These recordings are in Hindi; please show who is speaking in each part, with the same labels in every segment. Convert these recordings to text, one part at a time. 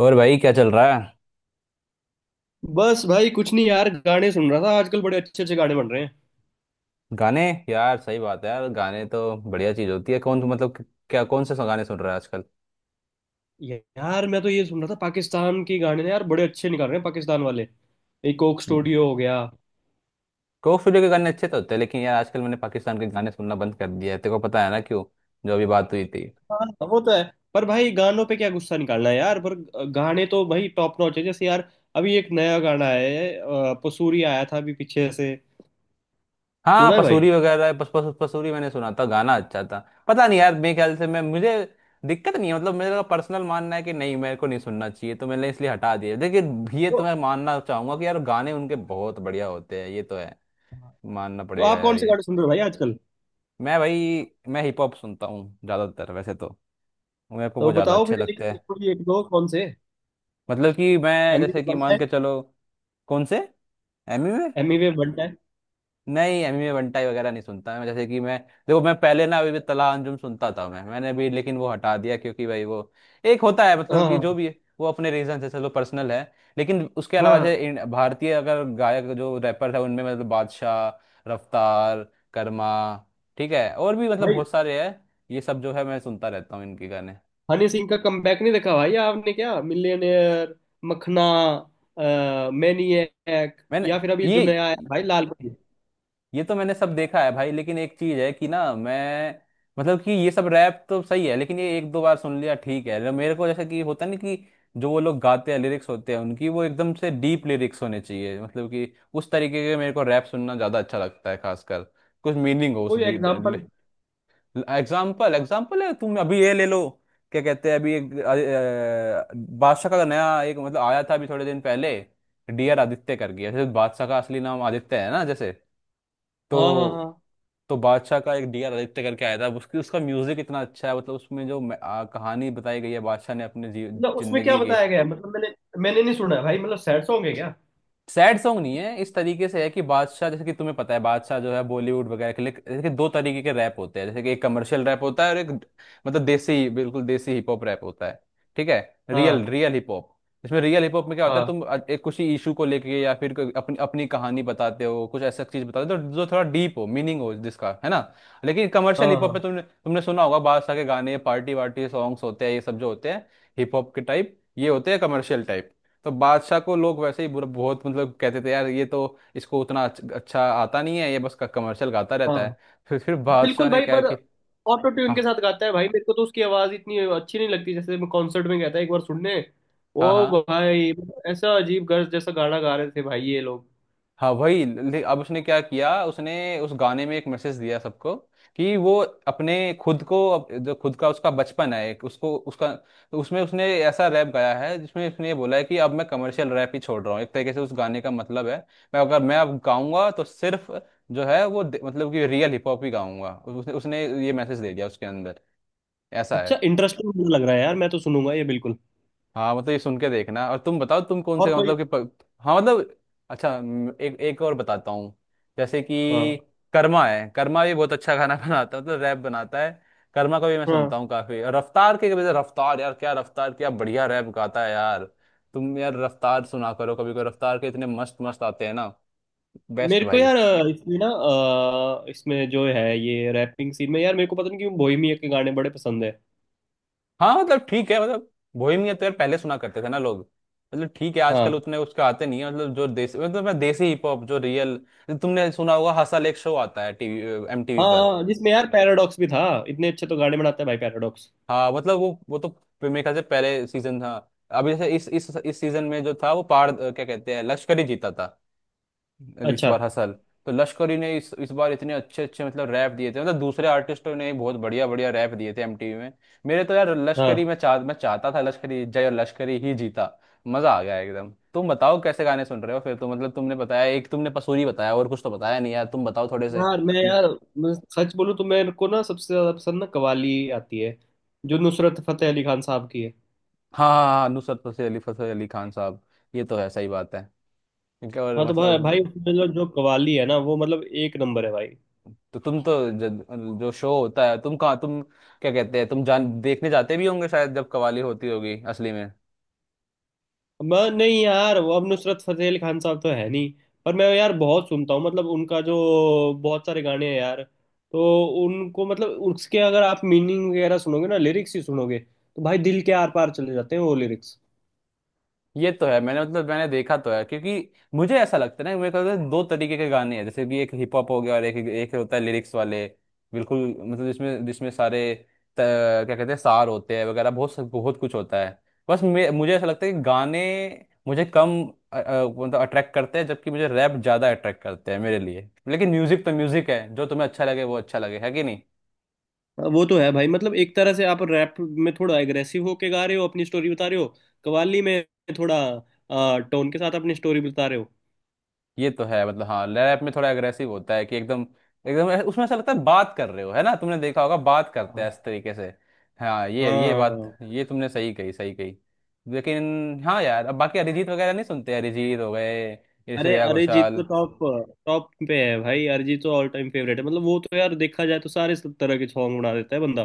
Speaker 1: और भाई क्या चल रहा है?
Speaker 2: बस भाई कुछ नहीं यार, गाने सुन रहा था। आजकल बड़े अच्छे अच्छे गाने बन रहे हैं।
Speaker 1: गाने। यार सही बात है, यार गाने तो बढ़िया चीज होती है। कौन क्या कौन से गाने सुन रहा है आजकल?
Speaker 2: यार मैं तो ये सुन रहा था, पाकिस्तान के गाने ना यार, बड़े अच्छे निकाल रहे हैं पाकिस्तान वाले। ये कोक स्टूडियो हो गया।
Speaker 1: कोक स्टूडियो के गाने अच्छे तो होते हैं, लेकिन यार आजकल मैंने पाकिस्तान के गाने सुनना बंद कर दिया है। तेरे को पता है ना क्यों? जो अभी बात हुई थी।
Speaker 2: हाँ वो तो है। पर भाई गानों पे क्या गुस्सा निकालना है यार। पर गाने तो भाई टॉप नॉच है जैसे यार। अभी एक नया गाना है पसूरी, आया था अभी पीछे से।
Speaker 1: हाँ,
Speaker 2: सुना है भाई।
Speaker 1: पसूरी वगैरह पस, पस, पसूरी मैंने सुना था, गाना अच्छा था। पता नहीं यार, मेरे ख्याल से मैं मुझे दिक्कत नहीं है, मतलब मेरा पर्सनल मानना है कि नहीं, मेरे को नहीं सुनना चाहिए, तो मैंने इसलिए हटा दिया। लेकिन ये तो
Speaker 2: तो,
Speaker 1: मैं मानना चाहूंगा कि यार गाने उनके बहुत बढ़िया होते हैं, ये तो है। मानना
Speaker 2: तो
Speaker 1: पड़ेगा
Speaker 2: आप कौन
Speaker 1: यार
Speaker 2: से
Speaker 1: ये।
Speaker 2: गाने सुन रहे हो भाई आजकल?
Speaker 1: मैं भाई मैं हिप हॉप सुनता हूँ ज़्यादातर वैसे तो। मेरे को
Speaker 2: तो
Speaker 1: वो ज़्यादा
Speaker 2: बताओ
Speaker 1: अच्छे
Speaker 2: फिर
Speaker 1: लगते हैं।
Speaker 2: एक दो कौन से।
Speaker 1: मतलब कि मैं
Speaker 2: एमी
Speaker 1: जैसे
Speaker 2: वेव
Speaker 1: कि
Speaker 2: बनता
Speaker 1: मान
Speaker 2: है।
Speaker 1: के चलो। कौन से एमी?
Speaker 2: एमी वेव बनता है।
Speaker 1: नहीं, एमएमए बंटाई वगैरह नहीं सुनता मैं। जैसे कि मैं, देखो मैं पहले ना, अभी भी तला अंजुम सुनता था मैं, मैंने भी, लेकिन वो हटा दिया क्योंकि भाई वो, एक होता है मतलब
Speaker 2: हाँ
Speaker 1: कि जो
Speaker 2: हाँ।
Speaker 1: भी है वो अपने रीजन से, चलो पर्सनल है। लेकिन उसके
Speaker 2: हाँ
Speaker 1: अलावा
Speaker 2: हाँ,
Speaker 1: जैसे भारतीय अगर गायक जो रैपर है उनमें, मतलब बादशाह, रफ्तार, कर्मा, ठीक है, और भी मतलब
Speaker 2: भाई
Speaker 1: बहुत सारे हैं। ये सब जो है मैं सुनता रहता हूँ इनके गाने।
Speaker 2: हनी सिंह का कमबैक नहीं देखा भाई आपने? क्या मिलियनेयर, मखना, मैनिएक,
Speaker 1: मैंने
Speaker 2: या फिर अभी जो
Speaker 1: ये
Speaker 2: नया आया है भाई, लाल परी।
Speaker 1: ये तो मैंने सब देखा है भाई, लेकिन एक चीज है कि ना मैं, मतलब कि ये सब रैप तो सही है लेकिन ये एक दो बार सुन लिया ठीक है, लेकिन मेरे को जैसा कि होता नहीं कि जो वो लोग गाते हैं लिरिक्स होते हैं उनकी, वो एकदम से डीप लिरिक्स होने चाहिए, मतलब कि उस तरीके के मेरे को रैप सुनना ज्यादा अच्छा लगता है, खासकर कुछ मीनिंग हो उस।
Speaker 2: कोई एग्जांपल?
Speaker 1: एग्जाम्पल एग्जाम्पल है, तुम अभी ये ले लो। क्या कहते हैं, अभी एक बादशाह का नया एक मतलब आया था अभी थोड़े दिन पहले, डियर आदित्य कर गया। जैसे बादशाह का असली नाम आदित्य है ना जैसे।
Speaker 2: हाँ हाँ
Speaker 1: तो
Speaker 2: हाँ।
Speaker 1: तो बादशाह का एक डी आर आदित्य करके आया था, उसकी उसका म्यूजिक इतना अच्छा है। मतलब उसमें जो कहानी बताई गई है बादशाह ने अपने
Speaker 2: मतलब उसमें क्या
Speaker 1: जिंदगी की।
Speaker 2: बताया गया है? मतलब मैंने मैंने नहीं सुना है भाई। मतलब सैड सॉन्ग है क्या?
Speaker 1: सैड सॉन्ग नहीं है, इस तरीके से है कि बादशाह, जैसे कि तुम्हें पता है बादशाह जो है बॉलीवुड वगैरह के लिए, जैसे कि दो तरीके के रैप होते हैं, जैसे कि एक कमर्शियल रैप होता है और एक मतलब देसी, बिल्कुल देसी हिप हॉप रैप होता है। ठीक है। रियल,
Speaker 2: हाँ।
Speaker 1: Real hip hop. इसमें रियल हिप हॉप में क्या होता है,
Speaker 2: हाँ
Speaker 1: तुम एक कुछ इशू को लेके, या फिर कोई अपनी अपनी कहानी बताते हो, कुछ ऐसा चीज बताते हो तो जो थोड़ा डीप हो, मीनिंग हो जिसका, है ना। लेकिन कमर्शियल
Speaker 2: हाँ।
Speaker 1: हिप हॉप में
Speaker 2: हाँ
Speaker 1: तुमने तुमने सुना होगा बादशाह के गाने पार्टी वार्टी सॉन्ग्स होते हैं, ये सब जो होते हैं हिप हॉप के टाइप, ये होते हैं कमर्शियल टाइप। तो बादशाह को लोग वैसे ही बुरा बहुत मतलब कहते थे यार, ये तो इसको उतना अच्छा आता नहीं है, ये बस कमर्शियल गाता रहता
Speaker 2: हाँ।
Speaker 1: है। फिर बादशाह
Speaker 2: बिल्कुल
Speaker 1: ने
Speaker 2: भाई।
Speaker 1: कहा
Speaker 2: पर
Speaker 1: कि,
Speaker 2: ऑटो ट्यून के साथ
Speaker 1: हाँ
Speaker 2: गाता है भाई, मेरे को तो उसकी आवाज इतनी अच्छी नहीं लगती। जैसे मैं कॉन्सर्ट में गया था एक बार सुनने।
Speaker 1: हाँ
Speaker 2: ओ
Speaker 1: हाँ,
Speaker 2: भाई, ऐसा अजीब गर्ज जैसा गाना गा रहे थे भाई ये लोग।
Speaker 1: हाँ वही अब उसने क्या किया, उसने उस गाने में एक मैसेज दिया सबको कि वो अपने, खुद को जो खुद का उसका बचपन है, एक उसको उसका, तो उसमें उसने ऐसा रैप गाया है जिसमें उसने ये बोला है कि अब मैं कमर्शियल रैप ही छोड़ रहा हूँ, एक तरीके से उस गाने का मतलब है। मैं अगर मैं अब गाऊंगा तो सिर्फ जो है वो मतलब कि रियल हिप हॉप ही गाऊंगा। उसने उसने ये मैसेज दे दिया उसके अंदर, ऐसा
Speaker 2: अच्छा,
Speaker 1: है।
Speaker 2: इंटरेस्टिंग लग रहा है यार, मैं तो सुनूंगा ये बिल्कुल।
Speaker 1: हाँ मतलब ये सुन के देखना। और तुम बताओ, तुम कौन
Speaker 2: और
Speaker 1: से,
Speaker 2: कोई?
Speaker 1: मतलब कि प... हाँ मतलब, अच्छा एक, एक और बताता हूँ। जैसे कि
Speaker 2: हाँ
Speaker 1: कर्मा है, कर्मा भी बहुत अच्छा खाना बनाता है, मतलब रैप बनाता है। कर्मा को भी मैं सुनता
Speaker 2: हाँ।
Speaker 1: हूँ काफी, और रफ्तार के वजह, रफ्तार यार क्या, रफ्तार क्या बढ़िया रैप गाता है यार। तुम यार रफ्तार सुना करो कभी कभी, रफ्तार के इतने मस्त मस्त आते हैं ना, बेस्ट
Speaker 2: मेरे को
Speaker 1: भाई।
Speaker 2: यार इसमें ना, इसमें जो है ये रैपिंग सीन में यार, मेरे को पता नहीं क्यों बोहेमिया के गाने बड़े पसंद है।
Speaker 1: हाँ मतलब ठीक है, मतलब बोहेमियन तो यार पहले सुना करते थे ना लोग। मतलब ठीक है, आजकल
Speaker 2: हाँ।
Speaker 1: उतने उसके आते नहीं है। मतलब जो देसी, मतलब मैं देसी हिप हॉप जो रियल, तुमने सुना होगा हसल एक शो आता है टीवी, एमटीवी
Speaker 2: हाँ
Speaker 1: पर।
Speaker 2: हाँ, जिसमें यार पैराडॉक्स भी था। इतने अच्छे तो गाने बनाता है भाई पैराडॉक्स।
Speaker 1: हाँ मतलब वो तो मेरे ख्याल से पहले सीजन था। अभी जैसे इस इस सीजन में जो था वो पार, क्या कहते हैं, लश्करी जीता था इस
Speaker 2: अच्छा।
Speaker 1: बार हसल। तो लश्करी ने इस बार इतने अच्छे अच्छे मतलब रैप दिए थे, मतलब दूसरे आर्टिस्टों ने भी बहुत बढ़िया बढ़िया रैप दिए थे एमटीवी में। मेरे तो यार लश्करी,
Speaker 2: हाँ
Speaker 1: मैं चाहता था लश्करी, जय और लश्करी ही जीता। मजा आ गया एकदम। तुम बताओ कैसे गाने सुन रहे हो फिर, तो मतलब तुमने बताया एक, तुमने पसूरी बताया और कुछ तो बताया नहीं यार, तुम बताओ थोड़े से।
Speaker 2: यार। मैं सच बोलूं तो मेरे को ना सबसे ज्यादा पसंद ना कवाली आती है, जो नुसरत फतेह अली खान साहब की है।
Speaker 1: हाँ हाँ हाँ, नुसरत फतेह अली, फतेह अली खान साहब। ये तो है, सही बात है। इनका और
Speaker 2: हाँ तो भाई भाई
Speaker 1: मतलब,
Speaker 2: उसमें जो जो कवाली है ना वो मतलब एक नंबर है भाई।
Speaker 1: तो तुम तो जो शो होता है तुम कहाँ तुम, क्या कहते हैं, तुम जान देखने जाते भी होंगे शायद जब कवाली होती होगी असली में।
Speaker 2: मैं नहीं यार, वो अब नुसरत फतेह अली खान साहब तो है नहीं। पर मैं यार बहुत सुनता हूँ, मतलब उनका जो बहुत सारे गाने हैं यार। तो उनको, मतलब उसके अगर आप मीनिंग वगैरह सुनोगे ना, लिरिक्स ही सुनोगे तो भाई दिल के आर पार चले जाते हैं वो लिरिक्स।
Speaker 1: ये तो है, मैंने मतलब मैंने देखा तो है, क्योंकि मुझे ऐसा लगता है ना, मेरे को लगता है दो तरीके के गाने हैं, जैसे कि एक हिप हॉप हो गया, और एक एक होता है लिरिक्स वाले, बिल्कुल, मतलब जिसमें जिसमें सारे क्या कहते हैं, सार होते हैं वगैरह, बहुत बहुत कुछ होता है। बस मुझे ऐसा लगता है कि गाने मुझे कम मतलब अट्रैक्ट करते हैं, जबकि मुझे रैप ज़्यादा अट्रैक्ट करते हैं मेरे लिए। लेकिन म्यूजिक तो म्यूजिक है, जो तुम्हें अच्छा लगे वो अच्छा लगे, है कि।
Speaker 2: वो तो है भाई। मतलब एक तरह से आप रैप में थोड़ा एग्रेसिव होके गा रहे हो, अपनी स्टोरी बता रहे हो। कव्वाली में थोड़ा टोन के साथ अपनी स्टोरी बता रहे हो।
Speaker 1: ये तो है मतलब, हाँ लैप में थोड़ा एग्रेसिव होता है कि एकदम, एकदम उसमें ऐसा लगता है बात कर रहे हो, है ना, तुमने देखा होगा बात करते हैं
Speaker 2: हाँ।
Speaker 1: इस तरीके से। हाँ ये बात
Speaker 2: हाँ,
Speaker 1: ये तुमने सही कही, सही कही। लेकिन हाँ यार, अब बाकी अरिजीत वगैरह नहीं सुनते? अरिजीत हो गए, ये
Speaker 2: अरे
Speaker 1: श्रेया
Speaker 2: अरिजीत तो
Speaker 1: घोषाल।
Speaker 2: टॉप, टॉप पे है भाई। अरिजीत तो ऑल टाइम फेवरेट है। मतलब वो तो यार देखा जाए तो सारे तरह के सॉन्ग बना देता है बंदा।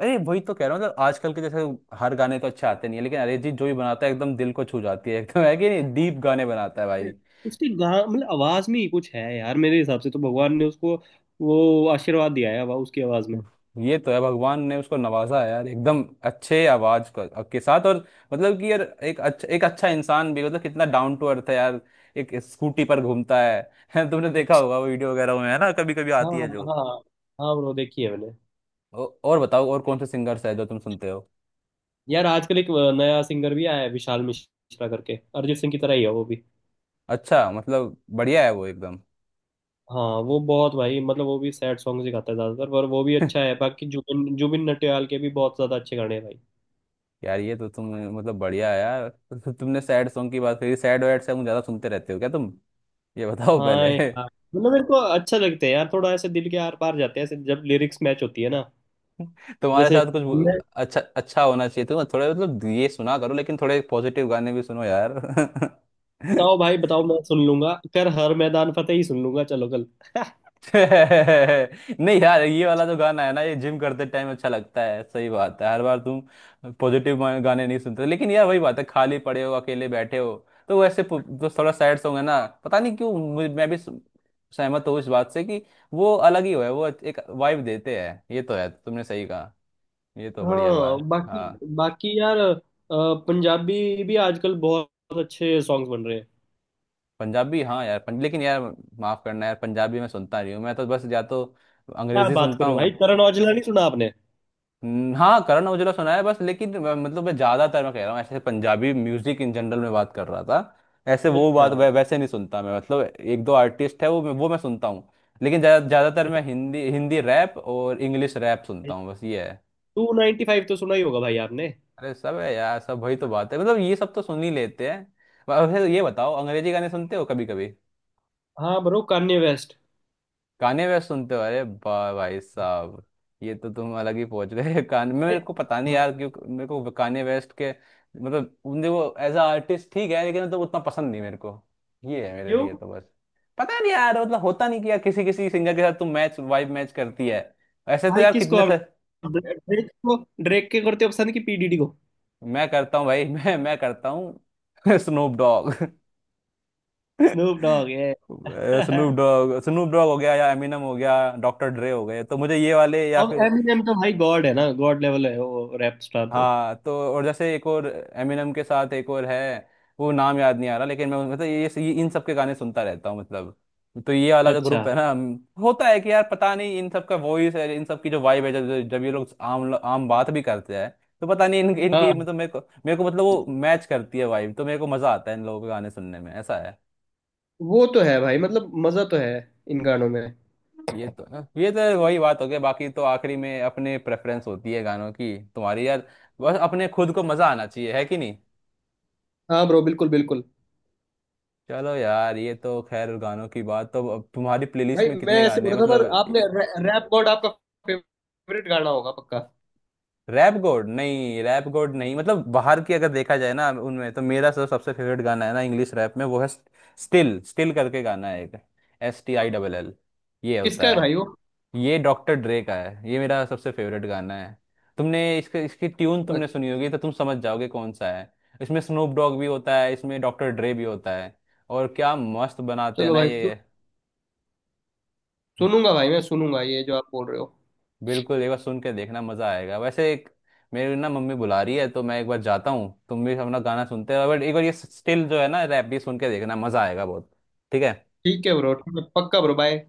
Speaker 1: अरे वही तो कह रहा हूँ, मतलब आजकल के जैसे हर गाने तो अच्छे आते नहीं है, लेकिन अरिजीत जो भी बनाता है एकदम दिल को छू जाती है एकदम है कि नहीं, डीप गाने बनाता है भाई।
Speaker 2: उसकी गा मतलब आवाज में ही कुछ है यार, मेरे हिसाब से तो भगवान ने उसको वो आशीर्वाद दिया है। उसकी आवाज में।
Speaker 1: ये तो है, भगवान ने उसको नवाजा है यार, एकदम अच्छे आवाज के साथ। और मतलब कि यार एक अच्छा, एक अच्छा इंसान भी, मतलब कितना डाउन टू अर्थ है यार। एक स्कूटी पर घूमता है तुमने देखा होगा वो वीडियो वगैरह में है ना, कभी कभी
Speaker 2: हाँ।
Speaker 1: आती है जो।
Speaker 2: हाँ। हाँ ब्रो, देखी है मैंने।
Speaker 1: और बताओ और कौन से सिंगर्स है जो तुम सुनते हो?
Speaker 2: यार आजकल एक नया सिंगर भी आया है, विशाल मिश्रा करके, अरिजीत सिंह की तरह ही है वो भी।
Speaker 1: अच्छा मतलब बढ़िया है वो एकदम।
Speaker 2: हाँ वो बहुत भाई, मतलब वो भी सैड सॉन्ग ही गाता है ज्यादातर, पर वो भी अच्छा है। बाकी जुबिन जुबिन नटियाल के भी बहुत ज्यादा अच्छे गाने हैं भाई।
Speaker 1: यार ये तो तुम, मतलब बढ़िया है यार। तो तुमने सैड सॉन्ग की बात करी, सैड वैड सॉन्ग ज्यादा सुनते रहते हो क्या तुम? ये बताओ
Speaker 2: हाँ
Speaker 1: पहले।
Speaker 2: यार, मतलब मेरे को अच्छा लगता है यार, थोड़ा ऐसे दिल के आर पार जाते हैं ऐसे जब लिरिक्स मैच होती है ना।
Speaker 1: तुम्हारे
Speaker 2: जैसे
Speaker 1: साथ कुछ
Speaker 2: मैं।
Speaker 1: अच्छा अच्छा होना चाहिए तुम। थोड़े मतलब ये सुना करो, लेकिन थोड़े पॉजिटिव गाने भी सुनो यार।
Speaker 2: बताओ भाई, बताओ, मैं सुन लूंगा। कर हर मैदान फतेह ही सुन लूंगा चलो कल।
Speaker 1: नहीं यार, ये वाला जो गाना है ना, ये जिम करते टाइम अच्छा लगता है, सही बात है, हर बार तुम पॉजिटिव गाने नहीं सुनते, लेकिन यार वही बात है, खाली पड़े हो, अकेले बैठे हो, तो वैसे जो थोड़ा सैड सॉन्ग है ना, पता नहीं क्यों मैं भी सहमत हूँ इस बात से कि वो अलग ही हो है, वो एक वाइब देते हैं, ये तो है, तुमने सही कहा। ये तो बढ़िया बात
Speaker 2: हाँ
Speaker 1: है।
Speaker 2: बाकी,
Speaker 1: हाँ
Speaker 2: बाकी यार पंजाबी भी आजकल बहुत अच्छे सॉन्ग्स बन रहे हैं।
Speaker 1: पंजाबी, हाँ यार लेकिन यार माफ करना यार, पंजाबी मैं सुनता नहीं हूँ, मैं तो बस या तो
Speaker 2: क्या
Speaker 1: अंग्रेजी
Speaker 2: बात
Speaker 1: सुनता
Speaker 2: कर रहे हो
Speaker 1: हूँ।
Speaker 2: भाई, करण औजला नहीं सुना आपने?
Speaker 1: हाँ करण औजला सुना है बस, लेकिन मतलब मैं ज्यादातर, मैं कह रहा हूँ ऐसे पंजाबी म्यूजिक इन जनरल में बात कर रहा था। ऐसे वो
Speaker 2: अच्छा।
Speaker 1: बात वैसे नहीं सुनता मैं, मतलब एक दो आर्टिस्ट है वो वो मैं सुनता हूँ। लेकिन ज्यादातर मैं हिंदी हिंदी रैप और इंग्लिश रैप सुनता हूँ, बस ये है।
Speaker 2: 295 तो सुना ही होगा भाई आपने।
Speaker 1: अरे सब है यार, सब वही तो बात है, मतलब ये सब तो सुन ही लेते हैं। वैसे ये बताओ अंग्रेजी गाने सुनते हो कभी कभी?
Speaker 2: हाँ ब्रो, कान्ये वेस्ट।
Speaker 1: गाने वे सुनते हो, अरे बा भाई साहब, ये तो तुम अलग ही पहुंच गए। कान,
Speaker 2: अरे,
Speaker 1: मेरे को पता नहीं
Speaker 2: हाँ,
Speaker 1: यार क्यों, मेरे को कान्ये वेस्ट के मतलब उनके वो, एज अ आर्टिस्ट ठीक है, लेकिन तो उतना पसंद नहीं मेरे को, ये है मेरे
Speaker 2: क्यों?
Speaker 1: लिए तो बस। पता नहीं यार, मतलब होता नहीं कि यार किसी किसी सिंगर के साथ तुम मैच, वाइब मैच करती है। ऐसे तो
Speaker 2: भाई
Speaker 1: यार
Speaker 2: किसको
Speaker 1: कितने
Speaker 2: आप,
Speaker 1: से।
Speaker 2: ड्रेक को, ड्रेक के करते हो पसंद? की पीडीडी को?
Speaker 1: मैं करता हूँ भाई, मैं करता हूँ। Snoop Dogg.
Speaker 2: स्नूप डॉग है।
Speaker 1: स्नूप डॉग, स्नूप डॉग हो गया, या एमिनम हो गया, डॉक्टर ड्रे हो गए, तो मुझे ये वाले, या
Speaker 2: अब
Speaker 1: फिर
Speaker 2: एमिनेम तो भाई गॉड है ना, गॉड लेवल है वो रैप स्टार तो।
Speaker 1: हाँ तो, और जैसे एक और एमिनम के साथ एक और है, वो नाम याद नहीं आ रहा, लेकिन मैं मतलब ये इन सब के गाने सुनता रहता हूँ मतलब। तो ये वाला जो
Speaker 2: अच्छा।
Speaker 1: ग्रुप है ना, होता है कि यार पता नहीं इन सब का वॉइस है, इन सब की जो वाइब है, जब जब ये लोग आम आम बात भी करते हैं तो पता नहीं इन, इनकी
Speaker 2: हाँ
Speaker 1: मतलब मेरे को, मेरे को मतलब वो मैच करती है वाइब, तो मेरे को मजा आता है इन लोगों के गाने सुनने में, ऐसा है।
Speaker 2: वो तो है भाई, मतलब मजा तो है इन गानों में।
Speaker 1: ये तो, ये तो वही बात हो गई। बाकी तो आखिरी में अपने प्रेफरेंस होती है गानों की तुम्हारी यार, बस अपने खुद को मजा आना चाहिए, है कि।
Speaker 2: हाँ ब्रो, बिल्कुल बिल्कुल।
Speaker 1: चलो यार, ये तो खैर, गानों की बात तो, अब तुम्हारी प्लेलिस्ट
Speaker 2: भाई
Speaker 1: में
Speaker 2: मैं
Speaker 1: कितने
Speaker 2: ऐसे
Speaker 1: गाने
Speaker 2: बोल
Speaker 1: हैं
Speaker 2: रहा था, पर
Speaker 1: मतलब?
Speaker 2: आपने रैप गॉड आपका फेवरेट गाना होगा पक्का।
Speaker 1: रैप गोड नहीं, रैप गोड नहीं, मतलब बाहर की अगर देखा जाए ना उनमें तो मेरा सब, सबसे फेवरेट गाना है ना इंग्लिश रैप में, वो है स्टिल, स्टिल करके गाना है एक, STILL, ये होता
Speaker 2: किसका है
Speaker 1: है।
Speaker 2: भाई वो?
Speaker 1: ये डॉक्टर ड्रे का है, ये मेरा सबसे फेवरेट गाना है। तुमने इसके, इसकी ट्यून तुमने
Speaker 2: अच्छा।
Speaker 1: सुनी होगी तो तुम समझ जाओगे कौन सा है। इसमें स्नूप डॉग भी होता है, इसमें डॉक्टर ड्रे भी होता है, और क्या मस्त बनाते हैं
Speaker 2: चलो
Speaker 1: ना
Speaker 2: भाई सु,
Speaker 1: ये।
Speaker 2: सुनूंगा भाई, मैं सुनूंगा ये जो आप बोल रहे हो।
Speaker 1: बिल्कुल एक बार सुन के देखना, मजा आएगा। वैसे एक, मेरी ना मम्मी बुला रही है, तो मैं एक बार जाता हूँ, तुम भी अपना गाना सुनते रहो, बट एक बार ये स्टिल जो है ना रैप भी सुन के देखना, मजा आएगा बहुत। ठीक है।
Speaker 2: ठीक है ब्रो, ठीक है, पक्का ब्रो, बाय।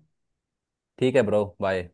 Speaker 1: ठीक है ब्रो बाय।